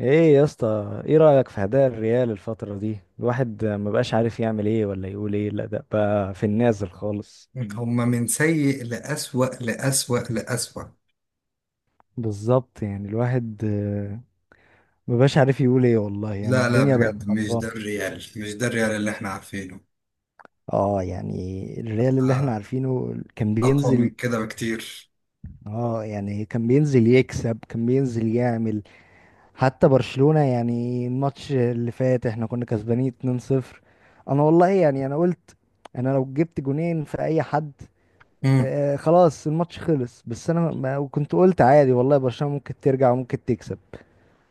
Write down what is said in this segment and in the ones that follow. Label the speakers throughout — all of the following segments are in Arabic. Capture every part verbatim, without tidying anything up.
Speaker 1: ايه يا اسطى، ايه رأيك في اداء الريال الفترة دي؟ الواحد ما بقاش عارف يعمل ايه ولا يقول ايه، الاداء بقى في النازل خالص.
Speaker 2: هما من سيء لأسوأ لأسوأ لأسوأ.
Speaker 1: بالظبط، يعني الواحد آه، ما بقاش عارف يقول ايه، والله يعني
Speaker 2: لا لا،
Speaker 1: الدنيا بقت
Speaker 2: بجد مش ده
Speaker 1: خربانة.
Speaker 2: الريال، مش ده الريال اللي احنا عارفينه.
Speaker 1: اه، يعني الريال اللي احنا
Speaker 2: آه،
Speaker 1: عارفينه كان
Speaker 2: أقوى من
Speaker 1: بينزل.
Speaker 2: كده بكتير.
Speaker 1: اه، يعني كان بينزل يكسب، كان بينزل يعمل. حتى برشلونة، يعني الماتش اللي فات احنا كنا كسبانين اتنين صفر. انا والله يعني انا قلت. انا لو جبت جونين في اي حد.
Speaker 2: مم.
Speaker 1: آه، خلاص الماتش خلص، بس انا ما كنت قلت عادي والله برشلونة ممكن ترجع وممكن تكسب.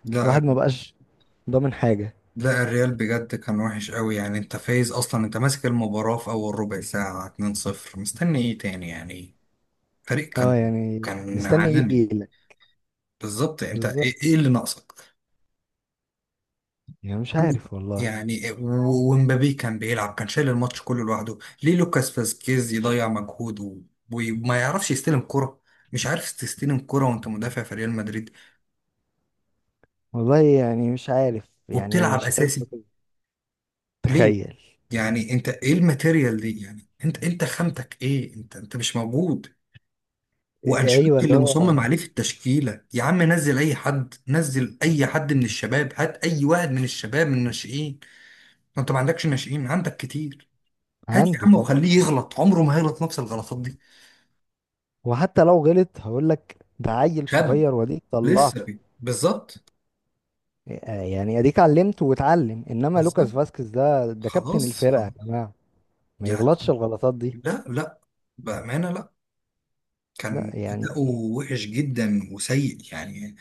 Speaker 2: لا
Speaker 1: واحد ما بقاش ضامن حاجة.
Speaker 2: لا، الريال بجد كان وحش قوي، يعني انت فايز اصلا، انت ماسك المباراة في اول ربع ساعة اتنين صفر، مستني ايه تاني يعني؟ فريق كان،
Speaker 1: اه، يعني
Speaker 2: كان
Speaker 1: مستني
Speaker 2: عالمي.
Speaker 1: يجي لك.
Speaker 2: بالظبط. انت
Speaker 1: بالظبط،
Speaker 2: ايه، إيه اللي ناقصك؟
Speaker 1: يعني مش عارف والله.
Speaker 2: يعني و- ومبابي كان بيلعب، كان شايل الماتش كله لوحده. ليه لوكاس فاسكيز يضيع مجهود و- وما يعرفش يستلم كرة؟ مش عارف تستلم كرة وانت مدافع في ريال مدريد
Speaker 1: والله يعني مش عارف يعني
Speaker 2: وبتلعب
Speaker 1: مش عارف لو
Speaker 2: اساسي؟
Speaker 1: كنت-
Speaker 2: ليه؟
Speaker 1: تخيل.
Speaker 2: يعني انت ايه الماتيريال دي؟ يعني انت انت خامتك ايه؟ انت انت مش موجود.
Speaker 1: آه، ايوه،
Speaker 2: وانشيلوتي
Speaker 1: اللي
Speaker 2: اللي
Speaker 1: هو
Speaker 2: مصمم عليه في التشكيلة، يا عم نزل اي حد، نزل اي حد من الشباب، هات اي واحد من الشباب من الناشئين. ما انت ما عندكش ناشئين؟ عندك كتير. هات يا
Speaker 1: عنده
Speaker 2: عم
Speaker 1: طبعا.
Speaker 2: وخليه يغلط، عمره ما هيغلط نفس الغلطات دي.
Speaker 1: وحتى لو غلط هقول لك ده عيل
Speaker 2: شاب
Speaker 1: صغير واديك طلعته.
Speaker 2: لسه بي. بالظبط.
Speaker 1: آه، يعني اديك علمته واتعلم، انما لوكاس
Speaker 2: بالظبط.
Speaker 1: فاسكيز ده ده كابتن
Speaker 2: خلاص
Speaker 1: الفرقة يا
Speaker 2: خلاص
Speaker 1: جماعة. ما
Speaker 2: يعني.
Speaker 1: يغلطش الغلطات دي.
Speaker 2: لا لا، بأمانة لا.
Speaker 1: لا،
Speaker 2: كان
Speaker 1: يعني
Speaker 2: أداؤه وحش جدا وسيء يعني.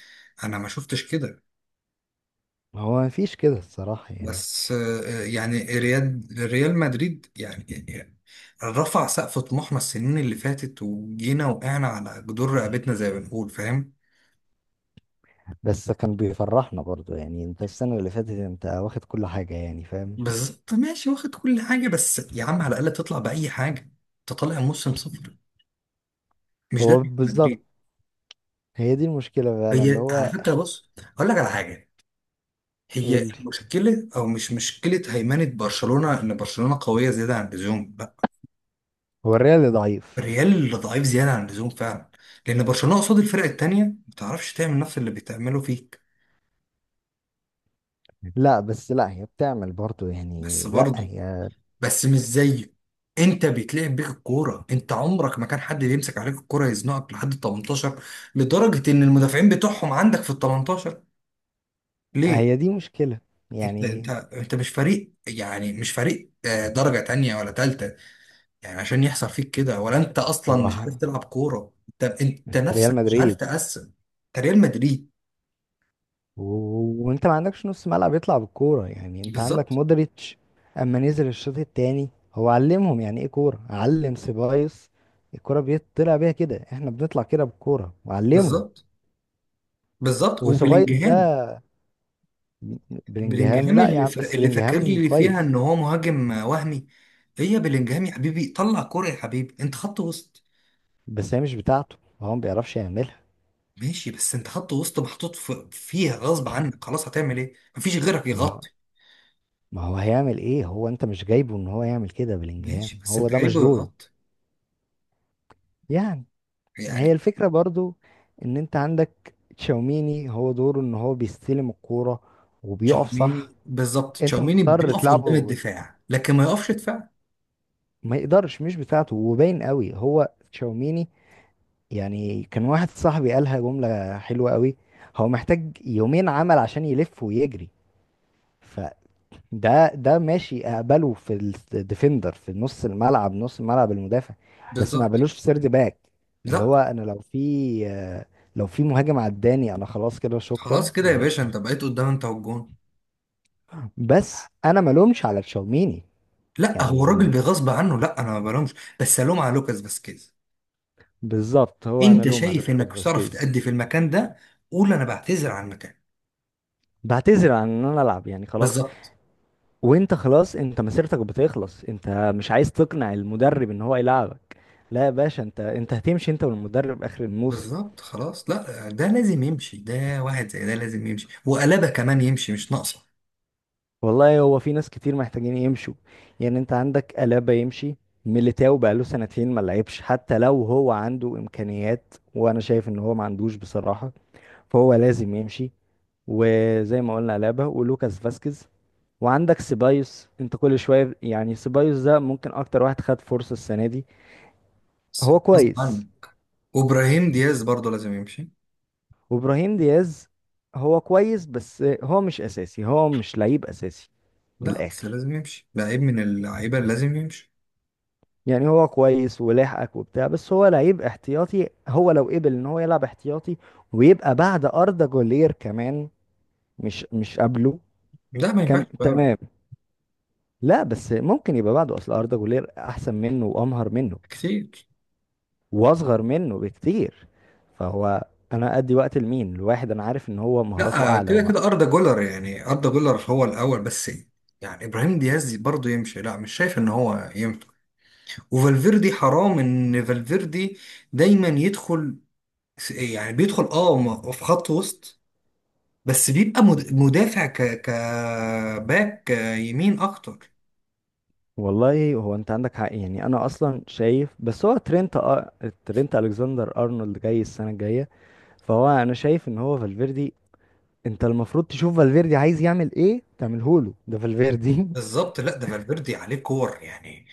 Speaker 2: أنا ما شفتش كده.
Speaker 1: هو مفيش كده الصراحة يعني.
Speaker 2: بس آه، يعني ريال، ريال مدريد يعني، يعني رفع سقف طموحنا السنين اللي فاتت، وجينا وقعنا على جدور رقبتنا زي ما بنقول، فاهم؟
Speaker 1: بس كان بيفرحنا برضو، يعني انت السنة اللي فاتت انت واخد كل حاجة يعني، فاهم؟
Speaker 2: بالظبط. ماشي واخد كل حاجة، بس يا عم على الأقل تطلع بأي حاجة. انت طالع موسم صفر؟ مش ده
Speaker 1: هو
Speaker 2: فكرة
Speaker 1: بالظبط.
Speaker 2: مدريد.
Speaker 1: هي دي المشكلة فعلا اللي
Speaker 2: هي على
Speaker 1: هو
Speaker 2: فكره بص، اقول لك على حاجه.
Speaker 1: يقول
Speaker 2: هي
Speaker 1: لي
Speaker 2: مشكله او مش مشكله هيمنه برشلونه ان برشلونه قويه زياده عن اللزوم؟ لا،
Speaker 1: هو الريال ضعيف.
Speaker 2: الريال اللي ضعيف زياده عن اللزوم فعلا. لان برشلونه قصاد الفرق التانيه ما بتعرفش تعمل نفس اللي بتعمله فيك.
Speaker 1: لا بس لا، هي بتعمل برضو يعني،
Speaker 2: بس
Speaker 1: لا
Speaker 2: برضه،
Speaker 1: هي
Speaker 2: بس مش زيه. انت بيتلعب بيك الكوره، انت عمرك ما كان حد بيمسك عليك الكوره يزنقك لحد ال تمنتاشر، لدرجه ان المدافعين بتوعهم عندك في ال تمنتاشر.
Speaker 1: هي
Speaker 2: ليه؟
Speaker 1: دي مشكلة.
Speaker 2: انت انت
Speaker 1: يعني
Speaker 2: انت مش فريق، يعني مش فريق آه، درجة تانية ولا تالتة، يعني عشان يحصل فيك كده؟ ولا انت اصلا
Speaker 1: هو
Speaker 2: مش عارف
Speaker 1: ه-
Speaker 2: تلعب كورة؟ انت انت
Speaker 1: انت ريال
Speaker 2: نفسك مش عارف
Speaker 1: مدريد.
Speaker 2: تقسم. انت ريال مدريد.
Speaker 1: و- وانت ما عندكش نص ملعب يطلع بالكوره، يعني انت عندك
Speaker 2: بالظبط.
Speaker 1: مودريتش. اما نزل الشوط التاني، هو علمهم يعني ايه كوره، علم سيبايوس. الكوره بيطلع بيها كده، احنا بنطلع كده بالكوره وعلمه.
Speaker 2: بالظبط. بالظبط
Speaker 1: وسيبايوس
Speaker 2: وبلينجهام.
Speaker 1: ده بلينجهام.
Speaker 2: بلينجهام
Speaker 1: لا يا
Speaker 2: اللي
Speaker 1: عم،
Speaker 2: ف...
Speaker 1: بس
Speaker 2: اللي فاكر
Speaker 1: بلينجهام
Speaker 2: لي فيها
Speaker 1: كويس،
Speaker 2: ان هو مهاجم وهمي. هي بلينجهام يا حبيبي طلع كورة، يا حبيبي انت خط وسط.
Speaker 1: بس هي مش بتاعته، هو ما بيعرفش يعملها.
Speaker 2: ماشي بس انت خط وسط محطوط في... فيها غصب عنك، خلاص هتعمل ايه مفيش غيرك
Speaker 1: ما هو-
Speaker 2: يغطي.
Speaker 1: ما هو هيعمل ايه؟ هو انت مش جايبه ان هو يعمل كده، بلينجهام
Speaker 2: ماشي بس
Speaker 1: هو
Speaker 2: انت
Speaker 1: ده مش
Speaker 2: جايبه
Speaker 1: دوره.
Speaker 2: يغطي
Speaker 1: يعني ما هي
Speaker 2: يعني.
Speaker 1: الفكرة برضو، ان انت عندك تشاوميني هو دوره ان هو بيستلم الكورة وبيقف صح.
Speaker 2: تشاوميني بالظبط،
Speaker 1: انت
Speaker 2: تشاوميني
Speaker 1: مضطر
Speaker 2: بيقف قدام
Speaker 1: تلعبه،
Speaker 2: الدفاع لكن ما يقفش دفاع.
Speaker 1: ما يقدرش مش بتاعته، وباين قوي هو تشاوميني. يعني كان واحد صاحبي قالها جملة حلوة قوي، هو محتاج يومين عمل عشان يلف ويجري. ده ده ماشي، اقبله في الديفندر في نص الملعب نص الملعب المدافع، بس ما
Speaker 2: بالظبط.
Speaker 1: اقبلوش في سيرد باك. اللي
Speaker 2: لا
Speaker 1: هو انا لو في آه. لو في مهاجم عداني انا، خلاص كده شكرا،
Speaker 2: خلاص كده يا
Speaker 1: يعني
Speaker 2: باشا،
Speaker 1: مش.
Speaker 2: انت بقيت قدام انت والجون.
Speaker 1: بس انا ما لومش على تشاوميني.
Speaker 2: لا هو
Speaker 1: يعني
Speaker 2: الراجل
Speaker 1: ما-
Speaker 2: بغصب عنه، لا انا ما بلومش، بس الوم على لوكاس فاسكيز.
Speaker 1: بالظبط، هو انا
Speaker 2: انت
Speaker 1: لوم على
Speaker 2: شايف
Speaker 1: لوكاس
Speaker 2: انك مش هتعرف
Speaker 1: فاسكيز.
Speaker 2: تأدي في المكان ده، قول انا بعتذر عن المكان.
Speaker 1: بعتذر عن ان انا العب، يعني خلاص.
Speaker 2: بالظبط.
Speaker 1: وانت خلاص، انت مسيرتك بتخلص، انت مش عايز تقنع المدرب ان هو يلعبك. لا يا باشا، انت انت هتمشي، انت والمدرب اخر الموسم.
Speaker 2: بالظبط. خلاص لا ده لازم يمشي، ده واحد زي ده لازم يمشي وقلابه كمان يمشي، مش ناقصه.
Speaker 1: والله هو في ناس كتير محتاجين يمشوا، يعني انت عندك ألابا يمشي. ميليتاو بقاله سنتين ما لعبش، حتى لو هو عنده إمكانيات وأنا شايف إن هو ما عندوش بصراحة، فهو لازم يمشي. وزي ما قلنا ألابا ولوكاس فاسكيز. وعندك سيبايوس، انت كل شوية يعني سيبايوس ده ممكن أكتر واحد خد فرصة السنة دي.
Speaker 2: بس
Speaker 1: هو
Speaker 2: غصب عنه.
Speaker 1: كويس.
Speaker 2: وابراهيم دياز برضه لازم يمشي.
Speaker 1: وإبراهيم دياز هو كويس، بس هو مش أساسي، هو مش لعيب أساسي. من
Speaker 2: لا بس
Speaker 1: الآخر،
Speaker 2: لازم يمشي، لعيب من اللعيبه اللي لازم يمشي.
Speaker 1: يعني هو كويس ولاحقك وبتاع، بس هو لعيب احتياطي، هو لو قبل ان هو يلعب احتياطي ويبقى بعد أردا جولير كمان. مش مش قبله
Speaker 2: لا ما ينفعش
Speaker 1: كان
Speaker 2: بقى.
Speaker 1: تمام. لا، بس ممكن يبقى بعده، اصل أردا جولير احسن منه وامهر منه
Speaker 2: كتير.
Speaker 1: واصغر منه بكتير. فهو انا ادي وقت لمين الواحد؟ انا عارف ان هو مهاراته
Speaker 2: لا
Speaker 1: اعلى
Speaker 2: كده
Speaker 1: وبقى.
Speaker 2: كده أردا جولر، يعني أردا جولر هو الأول بس. يعني إبراهيم دياز برضه يمشي، لا مش شايف إن هو ينفع. وفالفيردي، حرام إن فالفيردي دايما يدخل، يعني بيدخل أه م- في خط وسط، بس بيبقى مد- مدافع ك كباك يمين أكتر.
Speaker 1: والله هو انت عندك حق، يعني انا اصلا شايف، بس هو ترينت أ... ترينت الكسندر ارنولد جاي السنه الجايه. فهو انا شايف ان هو فالفيردي، انت المفروض تشوف فالفيردي عايز يعمل ايه تعمله له، ده فالفيردي.
Speaker 2: بالظبط. لا ده فالفيردي عليه كور يعني،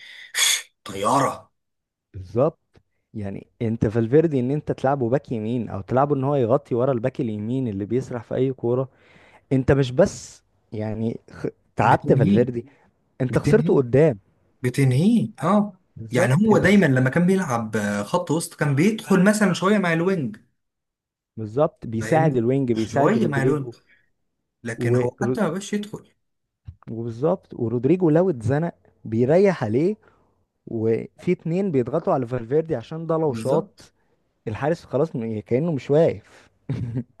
Speaker 2: طيارة.
Speaker 1: بالظبط. يعني انت فالفيردي ان انت تلعبه باك يمين، او تلعبه ان هو يغطي ورا الباك اليمين اللي بيسرح في اي كوره، انت مش بس. يعني خ... تعبت
Speaker 2: بتنهيه،
Speaker 1: فالفيردي، انت خسرته
Speaker 2: بتنهيه،
Speaker 1: قدام.
Speaker 2: بتنهيه اه.
Speaker 1: بالظبط
Speaker 2: يعني هو
Speaker 1: انت
Speaker 2: دايما
Speaker 1: خسر...
Speaker 2: لما كان بيلعب آه، خط وسط كان بيدخل مثلا شويه مع الوينج،
Speaker 1: بالظبط، بيساعد
Speaker 2: فاهمني؟
Speaker 1: الوينج، بيساعد
Speaker 2: شويه مع الوينج،
Speaker 1: رودريجو.
Speaker 2: لكن
Speaker 1: و...
Speaker 2: هو حتى
Speaker 1: رو-
Speaker 2: ما بقاش يدخل.
Speaker 1: وبالظبط ورودريجو لو اتزنق بيريح عليه، وفي اتنين بيضغطوا على فالفيردي، عشان ده لو
Speaker 2: بالظبط.
Speaker 1: شاط الحارس خلاص م- كأنه مش واقف.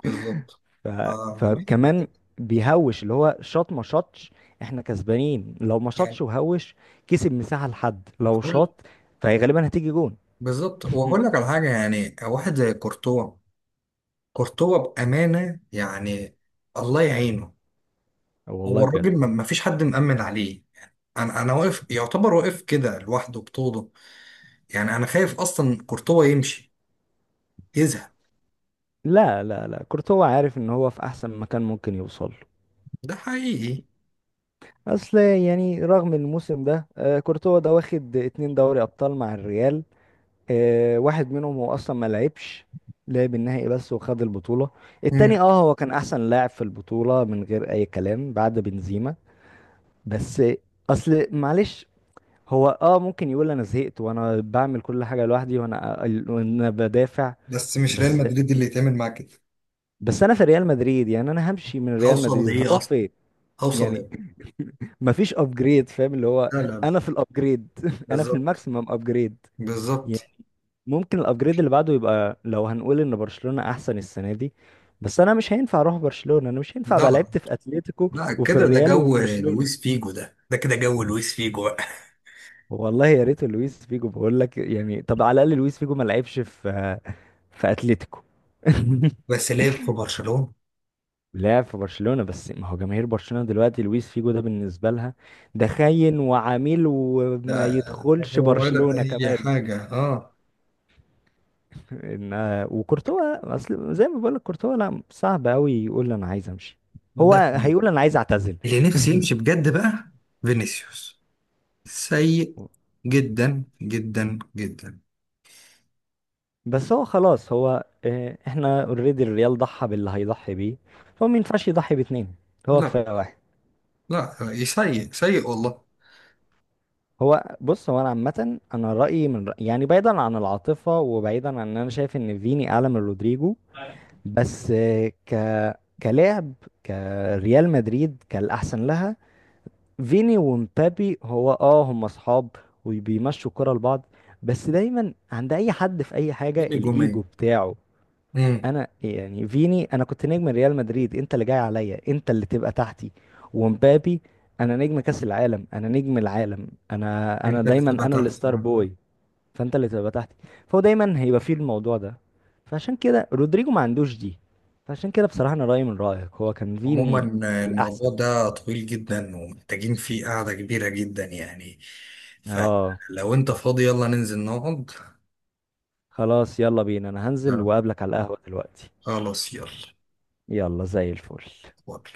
Speaker 2: بالظبط.
Speaker 1: ف...
Speaker 2: آه. أيوة،
Speaker 1: فكمان
Speaker 2: بالظبط.
Speaker 1: بيهوش اللي هو شاط ما شاطش، احنا كسبانين لو ما شاطش
Speaker 2: يعني
Speaker 1: وهوش، كسب مساحة، لحد لو
Speaker 2: اقول.
Speaker 1: شاط فهي غالبا هتيجي جون.
Speaker 2: بالظبط واقول لك على حاجه، يعني واحد زي كورتوا، كورتوا بامانه يعني الله يعينه. هو
Speaker 1: والله بجد.
Speaker 2: الراجل ما ما فيش حد مأمن عليه، يعني انا انا واقف يعتبر، واقف كده لوحده بطوله. يعني انا خايف اصلا كورتوا يمشي، يزهق.
Speaker 1: لا، لا، لا، كورتوا عارف ان هو في احسن مكان ممكن يوصل له.
Speaker 2: ده حقيقي.
Speaker 1: اصل يعني رغم الموسم ده، آه، كورتوا ده واخد اتنين دوري ابطال مع الريال. آه، واحد منهم هو اصلا ما لعبش، لعب النهائي بس وخد البطولة.
Speaker 2: مم.
Speaker 1: التاني اه هو كان احسن لاعب في البطولة من غير اي كلام بعد بنزيما. بس اصل معلش، هو اه ممكن يقول انا زهقت وانا بعمل كل حاجة لوحدي وانا، وانا بدافع.
Speaker 2: بس مش ريال
Speaker 1: بس،
Speaker 2: مدريد اللي يتعمل معاه كده.
Speaker 1: بس انا في ريال مدريد، يعني انا همشي من ريال
Speaker 2: هوصل
Speaker 1: مدريد
Speaker 2: لإيه
Speaker 1: هروح
Speaker 2: أصلا؟
Speaker 1: فين؟
Speaker 2: هوصل
Speaker 1: يعني
Speaker 2: لإيه؟
Speaker 1: مفيش ابجريد فاهم، اللي هو
Speaker 2: لا لا لا.
Speaker 1: انا في الابجريد انا في
Speaker 2: بالظبط.
Speaker 1: الماكسيمم ابجريد.
Speaker 2: بالظبط.
Speaker 1: ممكن الابجريد اللي بعده يبقى لو هنقول ان برشلونة احسن السنة دي، بس انا مش هينفع اروح برشلونة، انا مش هينفع ابقى
Speaker 2: ده
Speaker 1: لعبت في اتلتيكو
Speaker 2: لا
Speaker 1: وفي
Speaker 2: كده، ده
Speaker 1: الريال وفي
Speaker 2: جو لويس
Speaker 1: برشلونة.
Speaker 2: فيجو، ده ده كده جو لويس فيجو بقى.
Speaker 1: والله يا ريت لويس فيجو، بقول لك يعني، طب على الاقل لويس فيجو ما لعبش في في اتلتيكو.
Speaker 2: بس لعب في برشلونة.
Speaker 1: لعب في برشلونة بس، ما هو جماهير برشلونة دلوقتي لويس فيجو ده بالنسبة لها ده خاين وعميل وما
Speaker 2: ده
Speaker 1: يدخلش
Speaker 2: هو ولا
Speaker 1: برشلونة
Speaker 2: أي
Speaker 1: كمان.
Speaker 2: حاجة اه.
Speaker 1: ان آه، وكورتوا اصل زي ما بقول لك، كورتوا لا، صعب قوي يقول انا عايز امشي، هو
Speaker 2: ده حقيقي.
Speaker 1: هيقول انا عايز اعتزل.
Speaker 2: اللي نفسي يمشي بجد بقى، فينيسيوس. سيء جدا جدا جدا.
Speaker 1: بس هو خلاص، هو آه، احنا اوريدي الريال ضحى باللي هيضحي بيه، هو ما ينفعش يضحي باتنين، هو
Speaker 2: لا
Speaker 1: كفايه واحد.
Speaker 2: لا، سيء سيء والله.
Speaker 1: هو بص، هو انا عامه انا رايي من رأي، يعني بعيدا عن العاطفه وبعيدا عن ان انا شايف ان فيني اعلى من رودريجو. بس آه، ك كلاعب، كريال مدريد، كالاحسن لها، فيني ومبابي هو اه هم اصحاب وبيمشوا الكرة لبعض. بس دايما عند اي حد في اي حاجة الايجو
Speaker 2: نجومية.
Speaker 1: بتاعه،
Speaker 2: امم.
Speaker 1: انا يعني فيني انا كنت نجم ريال مدريد، انت اللي جاي عليا، انت اللي تبقى تحتي. ومبابي انا نجم كاس العالم، انا نجم العالم، انا انا
Speaker 2: انت اللي
Speaker 1: دايما
Speaker 2: تبقى
Speaker 1: انا
Speaker 2: تحت.
Speaker 1: الستار بوي، فانت اللي تبقى تحتي. فهو دايما هيبقى فيه الموضوع ده، فعشان كده رودريجو ما عندوش دي. فعشان كده بصراحة انا رأيي من رأيك هو كان
Speaker 2: عموما
Speaker 1: فيني الاحسن.
Speaker 2: الموضوع ده طويل جدا ومحتاجين فيه قعدة كبيرة جدا يعني.
Speaker 1: اه،
Speaker 2: فلو انت فاضي يلا ننزل نقعد.
Speaker 1: خلاص يلا بينا، انا هنزل
Speaker 2: آه،
Speaker 1: واقابلك على القهوة دلوقتي.
Speaker 2: خلاص يلا.
Speaker 1: يلا زي الفل.
Speaker 2: اتفضل.